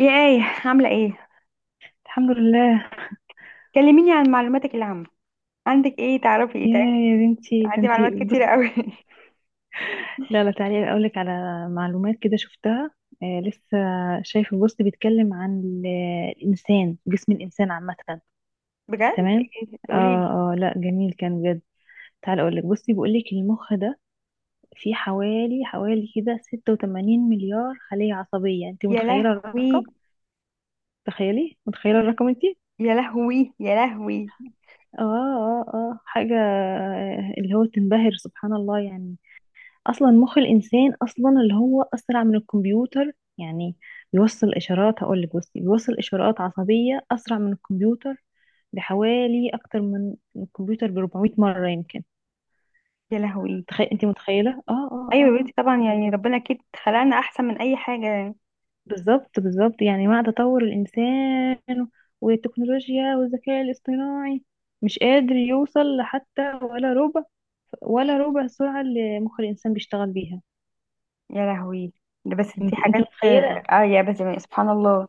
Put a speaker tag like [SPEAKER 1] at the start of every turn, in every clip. [SPEAKER 1] يا آية، عاملة ايه؟
[SPEAKER 2] الحمد لله.
[SPEAKER 1] كلميني عن معلوماتك العامة. عندك ايه تعرفي؟ ايه تعرفي؟
[SPEAKER 2] يا يا بنتي، ده
[SPEAKER 1] عندي معلومات
[SPEAKER 2] انتي
[SPEAKER 1] كتيرة
[SPEAKER 2] بصي.
[SPEAKER 1] قوي.
[SPEAKER 2] لا لا، تعالي اقول لك على معلومات كده شفتها. آه، لسه شايفه بوست بيتكلم عن الانسان، جسم الانسان عامه.
[SPEAKER 1] بجد؟
[SPEAKER 2] تمام.
[SPEAKER 1] ايه؟
[SPEAKER 2] اه
[SPEAKER 1] قوليلي.
[SPEAKER 2] اه لا، جميل كان بجد. تعالي اقول لك، بصي بيقول لك المخ ده فيه حوالي كده 86 مليار خلية عصبية. انت
[SPEAKER 1] يا
[SPEAKER 2] متخيلة الرقم؟
[SPEAKER 1] لهوي،
[SPEAKER 2] تخيلي، متخيلة الرقم انتي؟
[SPEAKER 1] يا لهوي، يا لهوي،
[SPEAKER 2] اه حاجة اللي هو تنبهر، سبحان الله يعني. اصلا مخ الانسان اصلا اللي هو اسرع من الكمبيوتر يعني. بيوصل اشارات، هقول لك بصي، بيوصل اشارات عصبيه اسرع من الكمبيوتر بحوالي، اكتر من الكمبيوتر ب 400 مره يمكن.
[SPEAKER 1] يا لهوي.
[SPEAKER 2] تخيل، انت متخيله؟ اه اه
[SPEAKER 1] ايوه
[SPEAKER 2] اه
[SPEAKER 1] يا بنتي، طبعا يعني ربنا اكيد خلقنا احسن من اي حاجة.
[SPEAKER 2] بالظبط بالظبط، يعني مع تطور الانسان والتكنولوجيا والذكاء الاصطناعي، مش قادر يوصل حتى ولا ربع، ولا ربع السرعه اللي مخ الانسان بيشتغل بيها.
[SPEAKER 1] يا لهوي. ده بس دي
[SPEAKER 2] انت
[SPEAKER 1] حاجات،
[SPEAKER 2] متخيله؟
[SPEAKER 1] يا بس يعني سبحان الله.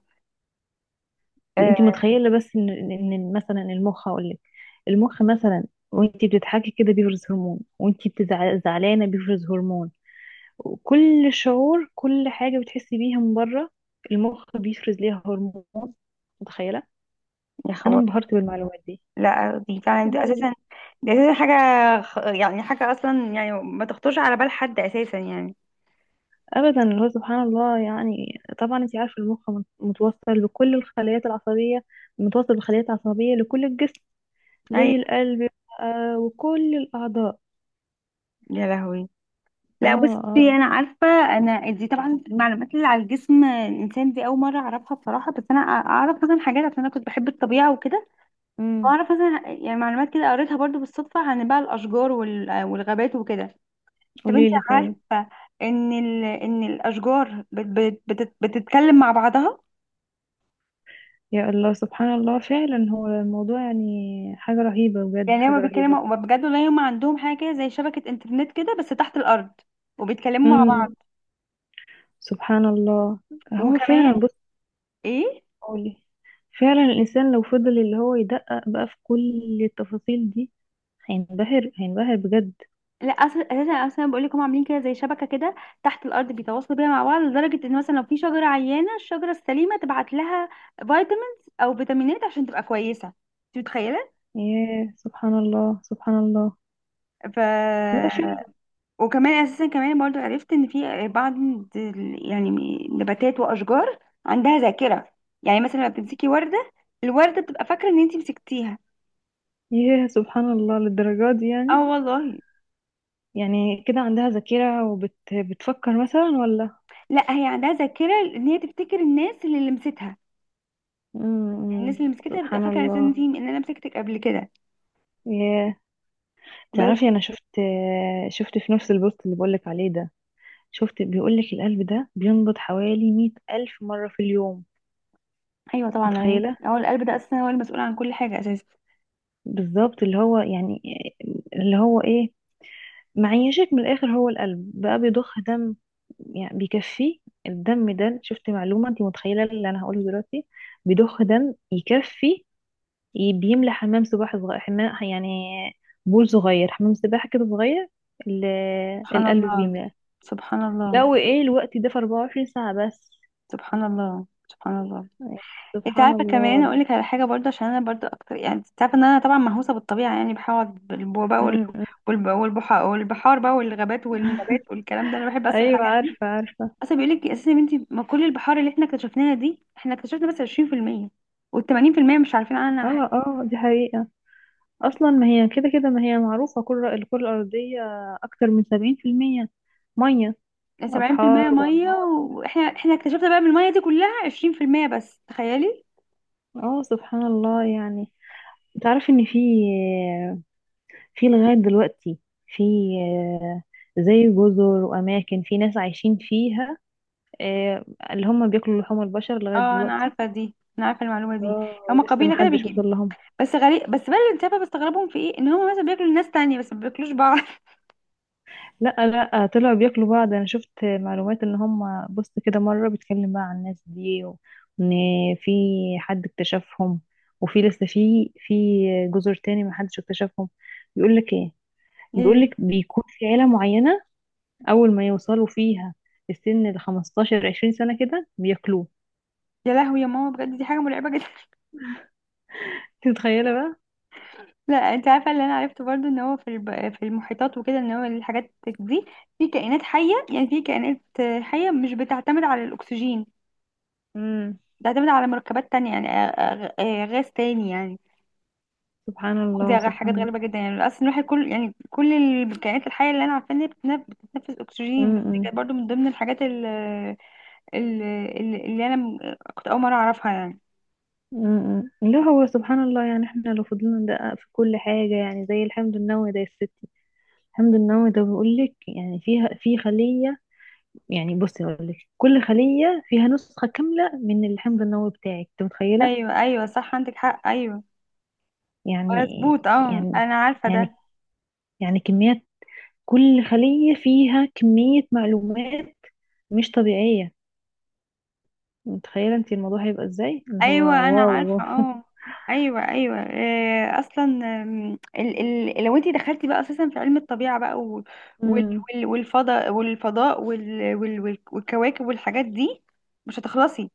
[SPEAKER 1] آه.
[SPEAKER 2] انت متخيله بس ان ان إن مثلا المخ، هقول لك المخ مثلا، وانت بتضحكي كده بيفرز هرمون، وانت زعلانه بيفرز هرمون، وكل شعور، كل حاجه بتحسي بيها من بره المخ بيفرز ليها هرمون. متخيله؟
[SPEAKER 1] يا
[SPEAKER 2] انا
[SPEAKER 1] خبر.
[SPEAKER 2] انبهرت بالمعلومات دي.
[SPEAKER 1] لا، دي فعلا،
[SPEAKER 2] لا
[SPEAKER 1] دي
[SPEAKER 2] لا لا،
[SPEAKER 1] اساسا دي اساسا حاجة. يعني حاجة اصلا، يعني ما تخطرش على بال حد اساسا يعني.
[SPEAKER 2] ابدا، اللي هو سبحان الله يعني. طبعا انت عارفه المخ متوصل بكل الخلايات العصبيه، متوصل بالخلايا العصبيه لكل الجسم،
[SPEAKER 1] اي،
[SPEAKER 2] زي القلب، آه، وكل الاعضاء.
[SPEAKER 1] يا لهوي.
[SPEAKER 2] اه
[SPEAKER 1] لا بصي،
[SPEAKER 2] اه
[SPEAKER 1] انا عارفه. انا دي طبعا المعلومات اللي على الجسم الانسان دي اول مره اعرفها بصراحه، بس انا اعرف مثلا حاجات عشان انا كنت بحب الطبيعه وكده،
[SPEAKER 2] امم.
[SPEAKER 1] واعرف مثلا يعني معلومات كده قريتها برضو بالصدفه عن بقى الاشجار والغابات وكده. طب انت
[SPEAKER 2] قولي لي طيب.
[SPEAKER 1] عارفه ان الاشجار بتتكلم مع بعضها؟
[SPEAKER 2] يا الله، سبحان الله فعلا. هو الموضوع يعني حاجة رهيبة بجد،
[SPEAKER 1] يعني هما
[SPEAKER 2] حاجة رهيبة.
[SPEAKER 1] بيتكلموا بجد، والله هما عندهم حاجه كده زي شبكه انترنت كده بس تحت الارض، وبيتكلموا مع
[SPEAKER 2] امم،
[SPEAKER 1] بعض.
[SPEAKER 2] سبحان الله. هو
[SPEAKER 1] وكمان
[SPEAKER 2] فعلا بص،
[SPEAKER 1] ايه.
[SPEAKER 2] قولي. فعلا الإنسان لو فضل اللي هو يدقق بقى في كل التفاصيل دي، هينبهر، هينبهر بجد.
[SPEAKER 1] لا، أصل اساسا اصلا بقول لك هم عاملين كده زي شبكه كده تحت الارض، بيتواصلوا بيها مع بعض لدرجه ان مثلا لو في شجره عيانه الشجره السليمه تبعت لها فيتامينز او فيتامينات عشان تبقى كويسه، انت متخيله؟
[SPEAKER 2] ياه، سبحان الله سبحان الله. لا
[SPEAKER 1] ف
[SPEAKER 2] فعلا.
[SPEAKER 1] وكمان اساسا كمان برضو عرفت ان في بعض يعني نباتات واشجار عندها ذاكره. يعني مثلا لما بتمسكي ورده، الورده بتبقى فاكره ان انت مسكتيها.
[SPEAKER 2] ياه، سبحان الله للدرجة دي
[SPEAKER 1] اه
[SPEAKER 2] يعني؟
[SPEAKER 1] والله.
[SPEAKER 2] يعني كده عندها ذاكرة وبتفكر مثلا ولا؟
[SPEAKER 1] لا، هي عندها ذاكره ان هي تفتكر الناس اللي لمستها، الناس
[SPEAKER 2] امم،
[SPEAKER 1] اللي مسكتها بتبقى
[SPEAKER 2] سبحان
[SPEAKER 1] فاكره اساسا ان
[SPEAKER 2] الله.
[SPEAKER 1] انت ان انا مسكتك قبل كده.
[SPEAKER 2] ياه.
[SPEAKER 1] بس.
[SPEAKER 2] تعرفي انا شفت، شفت في نفس البوست اللي بقولك عليه ده، شفت بيقولك القلب ده بينبض حوالي 100,000 مرة في اليوم.
[SPEAKER 1] ايوه طبعا يعني
[SPEAKER 2] متخيلة؟
[SPEAKER 1] هو القلب ده اساسا هو المسؤول عن كل حاجه اساسا.
[SPEAKER 2] بالظبط، اللي هو يعني، اللي هو ايه، معيشك من الآخر هو القلب بقى، بيضخ دم يعني بيكفي. الدم ده، شفت معلومة، انت متخيلة اللي انا هقوله دلوقتي؟ بيضخ دم يكفي، بيملى حمام سباحة صغير، حمام يعني بول صغير، حمام سباحة كده صغير، ال-
[SPEAKER 1] سبحان
[SPEAKER 2] القلب
[SPEAKER 1] الله،
[SPEAKER 2] بيملاه،
[SPEAKER 1] سبحان الله،
[SPEAKER 2] لو ايه الوقت ده، في 24 ساعة بس
[SPEAKER 1] سبحان الله، سبحان الله.
[SPEAKER 2] يعني.
[SPEAKER 1] انت
[SPEAKER 2] سبحان
[SPEAKER 1] عارفه، كمان
[SPEAKER 2] الله.
[SPEAKER 1] اقول لك على حاجه برضه عشان انا برضه اكتر، يعني انت عارفه ان انا طبعا مهووسه بالطبيعه، يعني بحاول بالبو بقى
[SPEAKER 2] امم.
[SPEAKER 1] والبحار بقى والغابات والنبات والكلام ده، انا بحب اصلا
[SPEAKER 2] ايوه
[SPEAKER 1] الحاجات دي.
[SPEAKER 2] عارفة عارفة.
[SPEAKER 1] اصلا بيقول لك اساسا يا بنتي، ما كل البحار اللي احنا اكتشفناها دي احنا اكتشفنا بس 20%، وال80% مش عارفين
[SPEAKER 2] اه
[SPEAKER 1] عنها حاجه.
[SPEAKER 2] اه، دي حقيقة. اصلا ما هي كده كده، ما هي معروفة كل الكرة الارضية اكتر من 70% مية،
[SPEAKER 1] 70%
[SPEAKER 2] ابحار
[SPEAKER 1] ميه،
[SPEAKER 2] وانهار.
[SPEAKER 1] واحنا احنا اكتشفنا بقى من الميه دي كلها 20% بس، تخيلي.
[SPEAKER 2] اه، سبحان الله يعني. تعرف ان في، في لغاية دلوقتي، في زي جزر واماكن في ناس عايشين فيها آه، اللي هم بياكلوا لحوم البشر لغاية
[SPEAKER 1] اه انا
[SPEAKER 2] دلوقتي.
[SPEAKER 1] عارفه دي، انا عارفه المعلومه دي.
[SPEAKER 2] اه،
[SPEAKER 1] هما
[SPEAKER 2] ولسه
[SPEAKER 1] قبيله كده
[SPEAKER 2] محدش وصل
[SPEAKER 1] بيجي.
[SPEAKER 2] لهم.
[SPEAKER 1] بس غريب بس بقى اللي انت عارفه بستغربهم في ايه، ان هما مثلا بياكلوا الناس تانية بس ما بياكلوش بعض.
[SPEAKER 2] لا لا، طلعوا بياكلوا بعض. انا شفت معلومات ان هم، بص كده، مره بيتكلم بقى عن الناس دي، وان في حد اكتشفهم، وفي لسه، في جزر تاني ما حدش اكتشفهم. بيقول لك ايه؟ بيقول
[SPEAKER 1] يا
[SPEAKER 2] لك بيكون في عيله معينه، اول ما يوصلوا فيها السن ال 15 20 سنه كده، بياكلوه.
[SPEAKER 1] يا لهوي، يا ماما، بجد دي حاجه مرعبه جدا.
[SPEAKER 2] انت متخيله بقى؟
[SPEAKER 1] لا انت عارفه اللي انا عرفته برضو، ان هو في المحيطات وكده، ان هو الحاجات دي في كائنات حيه، يعني في كائنات حيه مش بتعتمد على الاكسجين،
[SPEAKER 2] امم،
[SPEAKER 1] بتعتمد على مركبات تانية يعني، غاز تاني يعني.
[SPEAKER 2] سبحان
[SPEAKER 1] ودي
[SPEAKER 2] الله سبحان
[SPEAKER 1] حاجات غريبة
[SPEAKER 2] الله.
[SPEAKER 1] جدا، يعني أصلا الواحد كل كائنات الحية اللي أنا عارفة إن هي بتتنفس أكسجين، بس دي
[SPEAKER 2] امم
[SPEAKER 1] كانت برضه من ضمن الحاجات اللي أنا كنت أول مرة أعرفها يعني.
[SPEAKER 2] امم لا هو سبحان الله يعني، احنا لو فضلنا ندقق في كل حاجه، يعني زي الحمض النووي ده يا ستي، الحمض النووي ده بيقول لك، يعني فيها، في خلية، يعني بصي اقول لك، كل خلية فيها نسخة كاملة من الحمض النووي بتاعك. انت متخيلة؟
[SPEAKER 1] أيوه أيوه صح، عندك حق، أيوه.
[SPEAKER 2] يعني
[SPEAKER 1] مظبوط، أه،
[SPEAKER 2] يعني
[SPEAKER 1] أنا عارفة
[SPEAKER 2] يعني
[SPEAKER 1] ده.
[SPEAKER 2] يعني كميات، كل خلية فيها كمية معلومات مش طبيعية. متخيلة انت الموضوع هيبقى ازاي؟ اللي هو
[SPEAKER 1] أيوه أنا
[SPEAKER 2] واو
[SPEAKER 1] عارفة،
[SPEAKER 2] واو.
[SPEAKER 1] أه. أيوه أيوه، أصلا ال ال لو أنت دخلتي بقى أساسا في علم الطبيعة بقى وال
[SPEAKER 2] مم.
[SPEAKER 1] والفضاء والكواكب والحاجات دي، مش هتخلصي.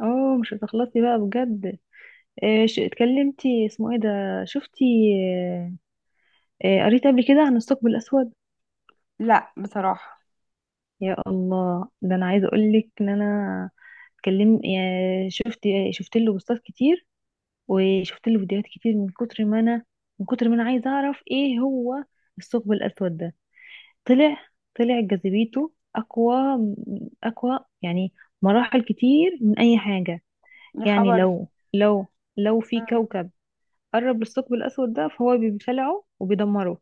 [SPEAKER 2] اه، مش هتخلصي بقى بجد. إيه اتكلمتي اسمه ايه ده، شفتي؟ آه، قريت قبل كده عن الثقب الاسود.
[SPEAKER 1] لا بصراحة.
[SPEAKER 2] يا الله، ده انا عايزه اقول لك ان انا، اتكلم شفت، شفت له بوستات كتير، وشفت له فيديوهات كتير، من كتر ما انا، من كتر ما انا عايزه اعرف ايه هو الثقب الاسود ده. طلع، طلع جاذبيته اقوى، اقوى يعني مراحل كتير من اي حاجه.
[SPEAKER 1] يا
[SPEAKER 2] يعني
[SPEAKER 1] خبر.
[SPEAKER 2] لو في
[SPEAKER 1] مم.
[SPEAKER 2] كوكب قرب للثقب الاسود ده، فهو بيبلعه وبيدمره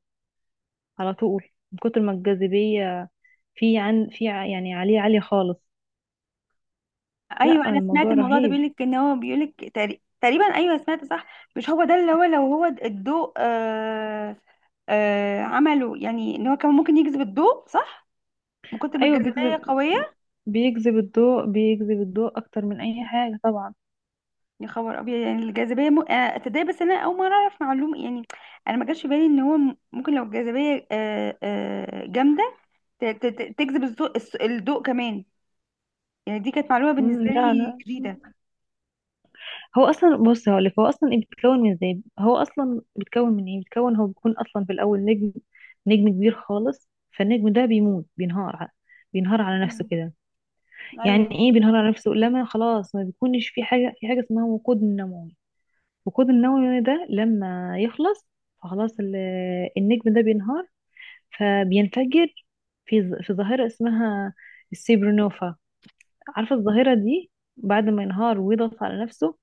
[SPEAKER 2] على طول، من كتر ما الجاذبيه، في عن في ع- يعني عليه عالية خالص. لا
[SPEAKER 1] ايوه انا سمعت
[SPEAKER 2] الموضوع
[SPEAKER 1] الموضوع ده،
[SPEAKER 2] رهيب.
[SPEAKER 1] بيقولك ان هو بيقولك تقريبا، ايوه سمعت صح. مش هو ده، اللي هو لو هو الضوء، عمله يعني ان هو كان ممكن يجذب الضوء، صح، من كتر ما
[SPEAKER 2] ايوه بيجذب،
[SPEAKER 1] الجاذبيه قويه.
[SPEAKER 2] بيجذب الضوء، بيجذب الضوء اكتر من اي حاجه طبعا.
[SPEAKER 1] يا خبر ابيض، يعني الجاذبيه م... آه تصدقي، بس انا اول مره اعرف معلومه يعني. انا ما جاش في بالي ان هو ممكن لو الجاذبيه جامده تجذب الضوء، الضوء كمان، يعني دي كانت معلومه بالنسبه
[SPEAKER 2] لا
[SPEAKER 1] لي
[SPEAKER 2] لا.
[SPEAKER 1] جديده.
[SPEAKER 2] هو اصلا بص هقولك، هو اصلا إيه بيتكون، من ازاي، هو اصلا بيتكون من ايه، بيتكون هو، بيكون اصلا في الاول نجم، نجم كبير خالص. فالنجم ده بيموت، بينهار بينهار على نفسه
[SPEAKER 1] مم.
[SPEAKER 2] كده. يعني
[SPEAKER 1] ايوه.
[SPEAKER 2] ايه بينهار على نفسه؟ لما خلاص ما بيكونش في حاجه، في حاجه اسمها وقود النووي، الوقود النووي ده لما يخلص، فخلاص النجم ده بينهار، فبينفجر في في ظاهرة اسمها السيبرونوفا. عارفة الظاهرة دي؟ بعد ما ينهار ويضغط على نفسه،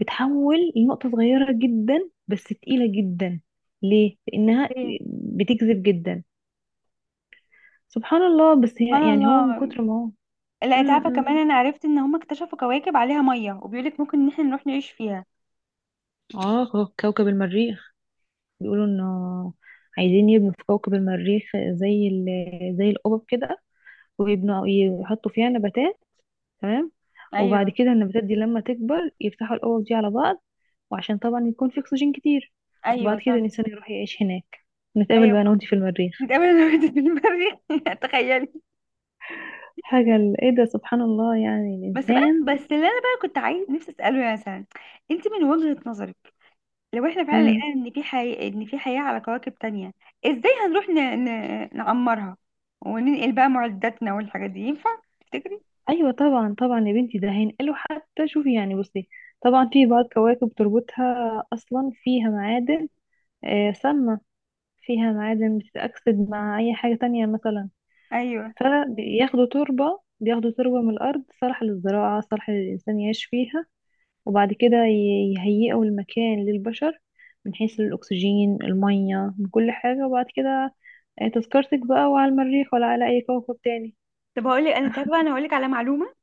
[SPEAKER 2] بتحول لنقطة صغيرة جدا بس تقيلة جدا. ليه؟ لأنها
[SPEAKER 1] ايه
[SPEAKER 2] بتجذب جدا، سبحان الله. بس
[SPEAKER 1] سبحان
[SPEAKER 2] هي يعني، هو من
[SPEAKER 1] الله.
[SPEAKER 2] كتر ما هو،
[SPEAKER 1] لا انت عارفه
[SPEAKER 2] م-
[SPEAKER 1] كمان،
[SPEAKER 2] م.
[SPEAKER 1] انا عرفت ان هم اكتشفوا كواكب عليها ميه، وبيقولك ممكن ان احنا نروح نعيش فيها.
[SPEAKER 2] اه، كوكب المريخ، بيقولوا انه عايزين يبنوا في كوكب المريخ زي زي القبب كده، ويبنوا يحطوا فيها نباتات، تمام، وبعد
[SPEAKER 1] ايوه،
[SPEAKER 2] كده النباتات دي لما تكبر يفتحوا الأوعية دي على بعض، وعشان طبعا يكون في أكسجين كتير، وبعد
[SPEAKER 1] ايوه
[SPEAKER 2] كده
[SPEAKER 1] صح.
[SPEAKER 2] الإنسان يروح يعيش هناك. نتقابل
[SPEAKER 1] ايوه.
[SPEAKER 2] بقى أنا وأنتي في المريخ.
[SPEAKER 1] نتقابل انا وانت في المريخ تخيلي.
[SPEAKER 2] حاجة إيه ده، سبحان الله يعني
[SPEAKER 1] بس بقى،
[SPEAKER 2] الإنسان.
[SPEAKER 1] بس اللي انا بقى كنت عايز نفسي اساله، مثلا انت من وجهه نظرك، لو احنا فعلا
[SPEAKER 2] مم.
[SPEAKER 1] لقينا ان في حياه على كواكب تانية، ازاي هنروح نعمرها، وننقل بقى معداتنا والحاجات دي، ينفع تفتكري؟
[SPEAKER 2] أيوة طبعا طبعا يا بنتي، ده هينقله حتى. شوفي يعني، بصي، طبعا في بعض كواكب تربطها أصلا فيها معادن، آه، سامة، فيها معادن بتتأكسد مع أي حاجة تانية مثلا،
[SPEAKER 1] ايوه.
[SPEAKER 2] فبياخدوا تربة، بياخدوا تربة من الأرض صالحة للزراعة، صالحة للإنسان يعيش فيها، وبعد كده يهيئوا المكان للبشر من حيث الأكسجين، المية، من كل حاجة، وبعد كده آه، تذكرتك بقى وعلى المريخ ولا على أي كوكب تاني.
[SPEAKER 1] طب هقول لك، انا تعرفه، انا هقول لك على معلومه.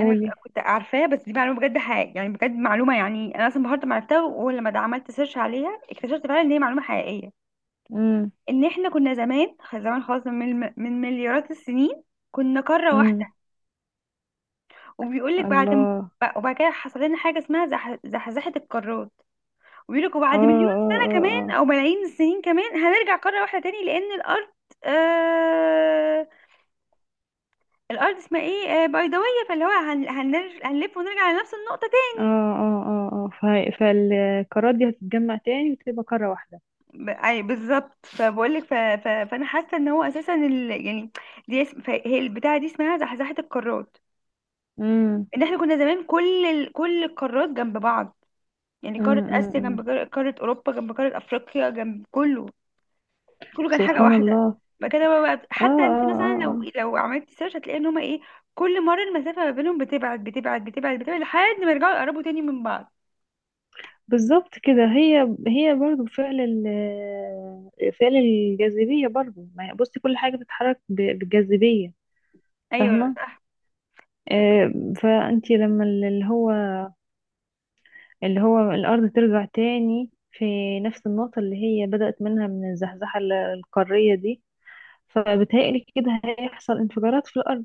[SPEAKER 1] انا كنت عارفاها، بس دي معلومه بجد حقيقيه يعني، بجد معلومه يعني، انا اصلا بهارت ما عرفتها، ولما ده عملت سيرش عليها اكتشفت فعلا ان هي معلومه حقيقيه.
[SPEAKER 2] امم،
[SPEAKER 1] ان احنا كنا زمان زمان خالص من مليارات السنين كنا قاره واحده.
[SPEAKER 2] امم.
[SPEAKER 1] وبيقول لك بعد م-
[SPEAKER 2] الله.
[SPEAKER 1] ب- وبعد كده حصل لنا حاجه اسمها زحزحه القارات، وبيقول لك وبعد
[SPEAKER 2] اه
[SPEAKER 1] مليون
[SPEAKER 2] اه
[SPEAKER 1] سنه
[SPEAKER 2] اه اه
[SPEAKER 1] كمان او ملايين السنين كمان هنرجع قاره واحده تاني، لان الارض، آه، الارض اسمها ايه، بيضاويه، فاللي هو هنلف ونرجع لنفس النقطه.
[SPEAKER 2] اه فالقارات دي هتتجمع تاني وتبقى قارة واحدة.
[SPEAKER 1] اي بالظبط، فبقول لك، فانا حاسه ان هو اساسا يعني، هي البتاعه دي اسمها زحزحه القارات،
[SPEAKER 2] امم
[SPEAKER 1] ان احنا كنا زمان كل القارات جنب بعض. يعني قاره اسيا
[SPEAKER 2] أمم.
[SPEAKER 1] جنب قاره اوروبا جنب قاره افريقيا جنب كله، كله كان حاجه
[SPEAKER 2] سبحان
[SPEAKER 1] واحده.
[SPEAKER 2] الله.
[SPEAKER 1] بعد كده بقى،
[SPEAKER 2] اه
[SPEAKER 1] حتى انت مثلا
[SPEAKER 2] اه
[SPEAKER 1] لو
[SPEAKER 2] اه
[SPEAKER 1] عملتي سيرش هتلاقي ان هما ايه، كل مره المسافه ما بينهم بتبعد بتبعد بتبعد بتبعد لحد ما يرجعوا يقربوا تاني من بعض.
[SPEAKER 2] بالظبط كده، هي، هي برضو فعل فعل الجاذبية برضو، ما هي، بصي كل حاجة بتتحرك بالجاذبية.
[SPEAKER 1] ايوه
[SPEAKER 2] فاهمة؟
[SPEAKER 1] صح.
[SPEAKER 2] آه، فأنتي لما اللي هو، اللي هو الأرض ترجع تاني في نفس النقطة اللي هي بدأت منها، من الزحزحة القارية دي، فبتهيألي كده هيحصل انفجارات في الأرض،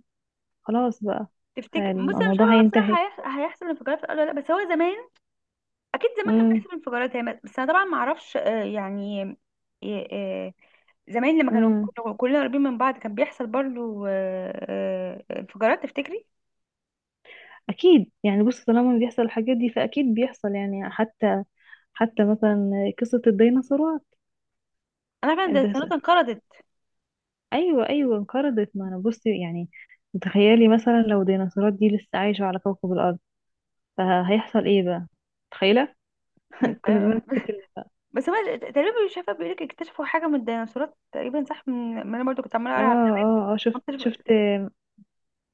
[SPEAKER 2] خلاص بقى
[SPEAKER 1] تفتكر؟ بصي انا مش
[SPEAKER 2] الموضوع
[SPEAKER 1] عارفه بقى
[SPEAKER 2] هينتهي.
[SPEAKER 1] بصراحه، هيحصل انفجارات في الارض ولا لا، بس هو زمان اكيد زمان كان
[SPEAKER 2] امم
[SPEAKER 1] بيحصل انفجارات هي، بس انا طبعا ما اعرفش، يعني. آه، آه، زمان لما
[SPEAKER 2] امم
[SPEAKER 1] كلنا قريبين من بعض كان بيحصل برضو، انفجارات تفتكري؟
[SPEAKER 2] أكيد يعني. بصي، طالما بيحصل الحاجات دي، فأكيد بيحصل يعني، حتى، حتى مثلا قصة الديناصورات.
[SPEAKER 1] انا عارفه ان
[SPEAKER 2] الدس-
[SPEAKER 1] الديناصورات انقرضت.
[SPEAKER 2] أيوة أيوة انقرضت، ما أنا بصي يعني، تخيلي مثلا لو الديناصورات دي لسه عايشة على كوكب الأرض، فهيحصل إيه بقى؟ متخيلة؟
[SPEAKER 1] م-
[SPEAKER 2] كنا
[SPEAKER 1] آه،
[SPEAKER 2] زمان اتكلنا.
[SPEAKER 1] بس هو تقريبا مش عارفه، بيقول لك اكتشفوا حاجه من الديناصورات تقريبا، صح، من ما انا برضو كنت عماله اقرا على.
[SPEAKER 2] اه شفت،
[SPEAKER 1] اكتشفوا
[SPEAKER 2] شفت،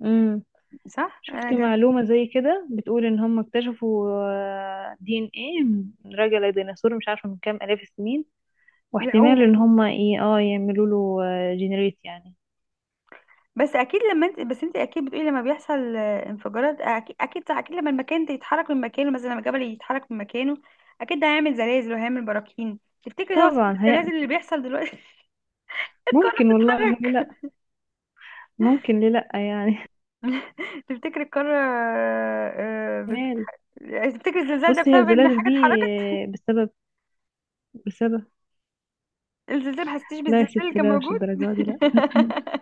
[SPEAKER 2] امم،
[SPEAKER 1] صح انا
[SPEAKER 2] شفت
[SPEAKER 1] كان
[SPEAKER 2] معلومة زي كده بتقول إن هم اكتشفوا آه، دي إن إيه راجع لديناصور مش عارفة من كام آلاف السنين، واحتمال
[SPEAKER 1] لقوه.
[SPEAKER 2] إن هم إيه، اه، يعملوا له جنريت يعني.
[SPEAKER 1] بس اكيد لما انت، بس انت اكيد بتقولي، لما بيحصل انفجارات اكيد اكيد اكيد، لما المكان ده يتحرك من مكانه، مثلا لما الجبل يتحرك من مكانه، اكيد ده هيعمل زلازل وهيعمل براكين. تفتكري ده هو سبب
[SPEAKER 2] طبعا هي.
[SPEAKER 1] الزلازل اللي بيحصل دلوقتي؟ القارة
[SPEAKER 2] ممكن والله، ليه
[SPEAKER 1] بتتحرك.
[SPEAKER 2] لأ، ممكن ليه لأ يعني.
[SPEAKER 1] تفتكري القارة،
[SPEAKER 2] احتمال.
[SPEAKER 1] يعني تفتكري الزلزال ده
[SPEAKER 2] بصي هي
[SPEAKER 1] بسبب ان
[SPEAKER 2] الزلازل
[SPEAKER 1] حاجة
[SPEAKER 2] دي
[SPEAKER 1] اتحركت؟
[SPEAKER 2] آه، بسبب، بسبب.
[SPEAKER 1] الزلزال، ما حسيتيش
[SPEAKER 2] لا يا
[SPEAKER 1] بالزلزال اللي
[SPEAKER 2] ستي
[SPEAKER 1] كان
[SPEAKER 2] لا، مش
[SPEAKER 1] موجود؟
[SPEAKER 2] الدرجة دي لا.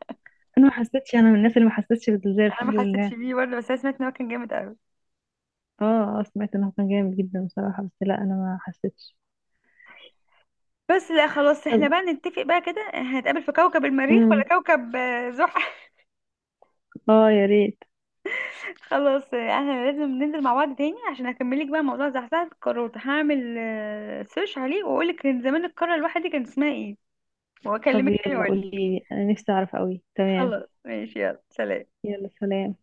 [SPEAKER 2] انا ما حسيتش، انا من الناس اللي ما حسيتش بالزلزال،
[SPEAKER 1] انا ما
[SPEAKER 2] الحمد
[SPEAKER 1] حسيتش
[SPEAKER 2] لله.
[SPEAKER 1] بيه برضه، بس انا سمعت ان هو كان جامد قوي.
[SPEAKER 2] اه، آه، سمعت انه كان جامد جدا بصراحة، بس لا انا ما حسيتش.
[SPEAKER 1] بس لا خلاص، احنا
[SPEAKER 2] طب.
[SPEAKER 1] بقى نتفق بقى كده، هنتقابل في كوكب المريخ
[SPEAKER 2] امم.
[SPEAKER 1] ولا كوكب، زحل.
[SPEAKER 2] اه يا ريت.
[SPEAKER 1] خلاص احنا لازم ننزل مع بعض تاني عشان اكملك بقى موضوع زحزحة الكروت، هعمل سيرش عليه واقولك كان زمان القارة الواحدة دي كان اسمها ايه،
[SPEAKER 2] طب
[SPEAKER 1] واكلمك تاني
[SPEAKER 2] يلا
[SPEAKER 1] واقولك.
[SPEAKER 2] قولي لي، انا نفسي اعرف قوي. تمام.
[SPEAKER 1] خلاص ماشي، يلا سلام.
[SPEAKER 2] يلا سلام.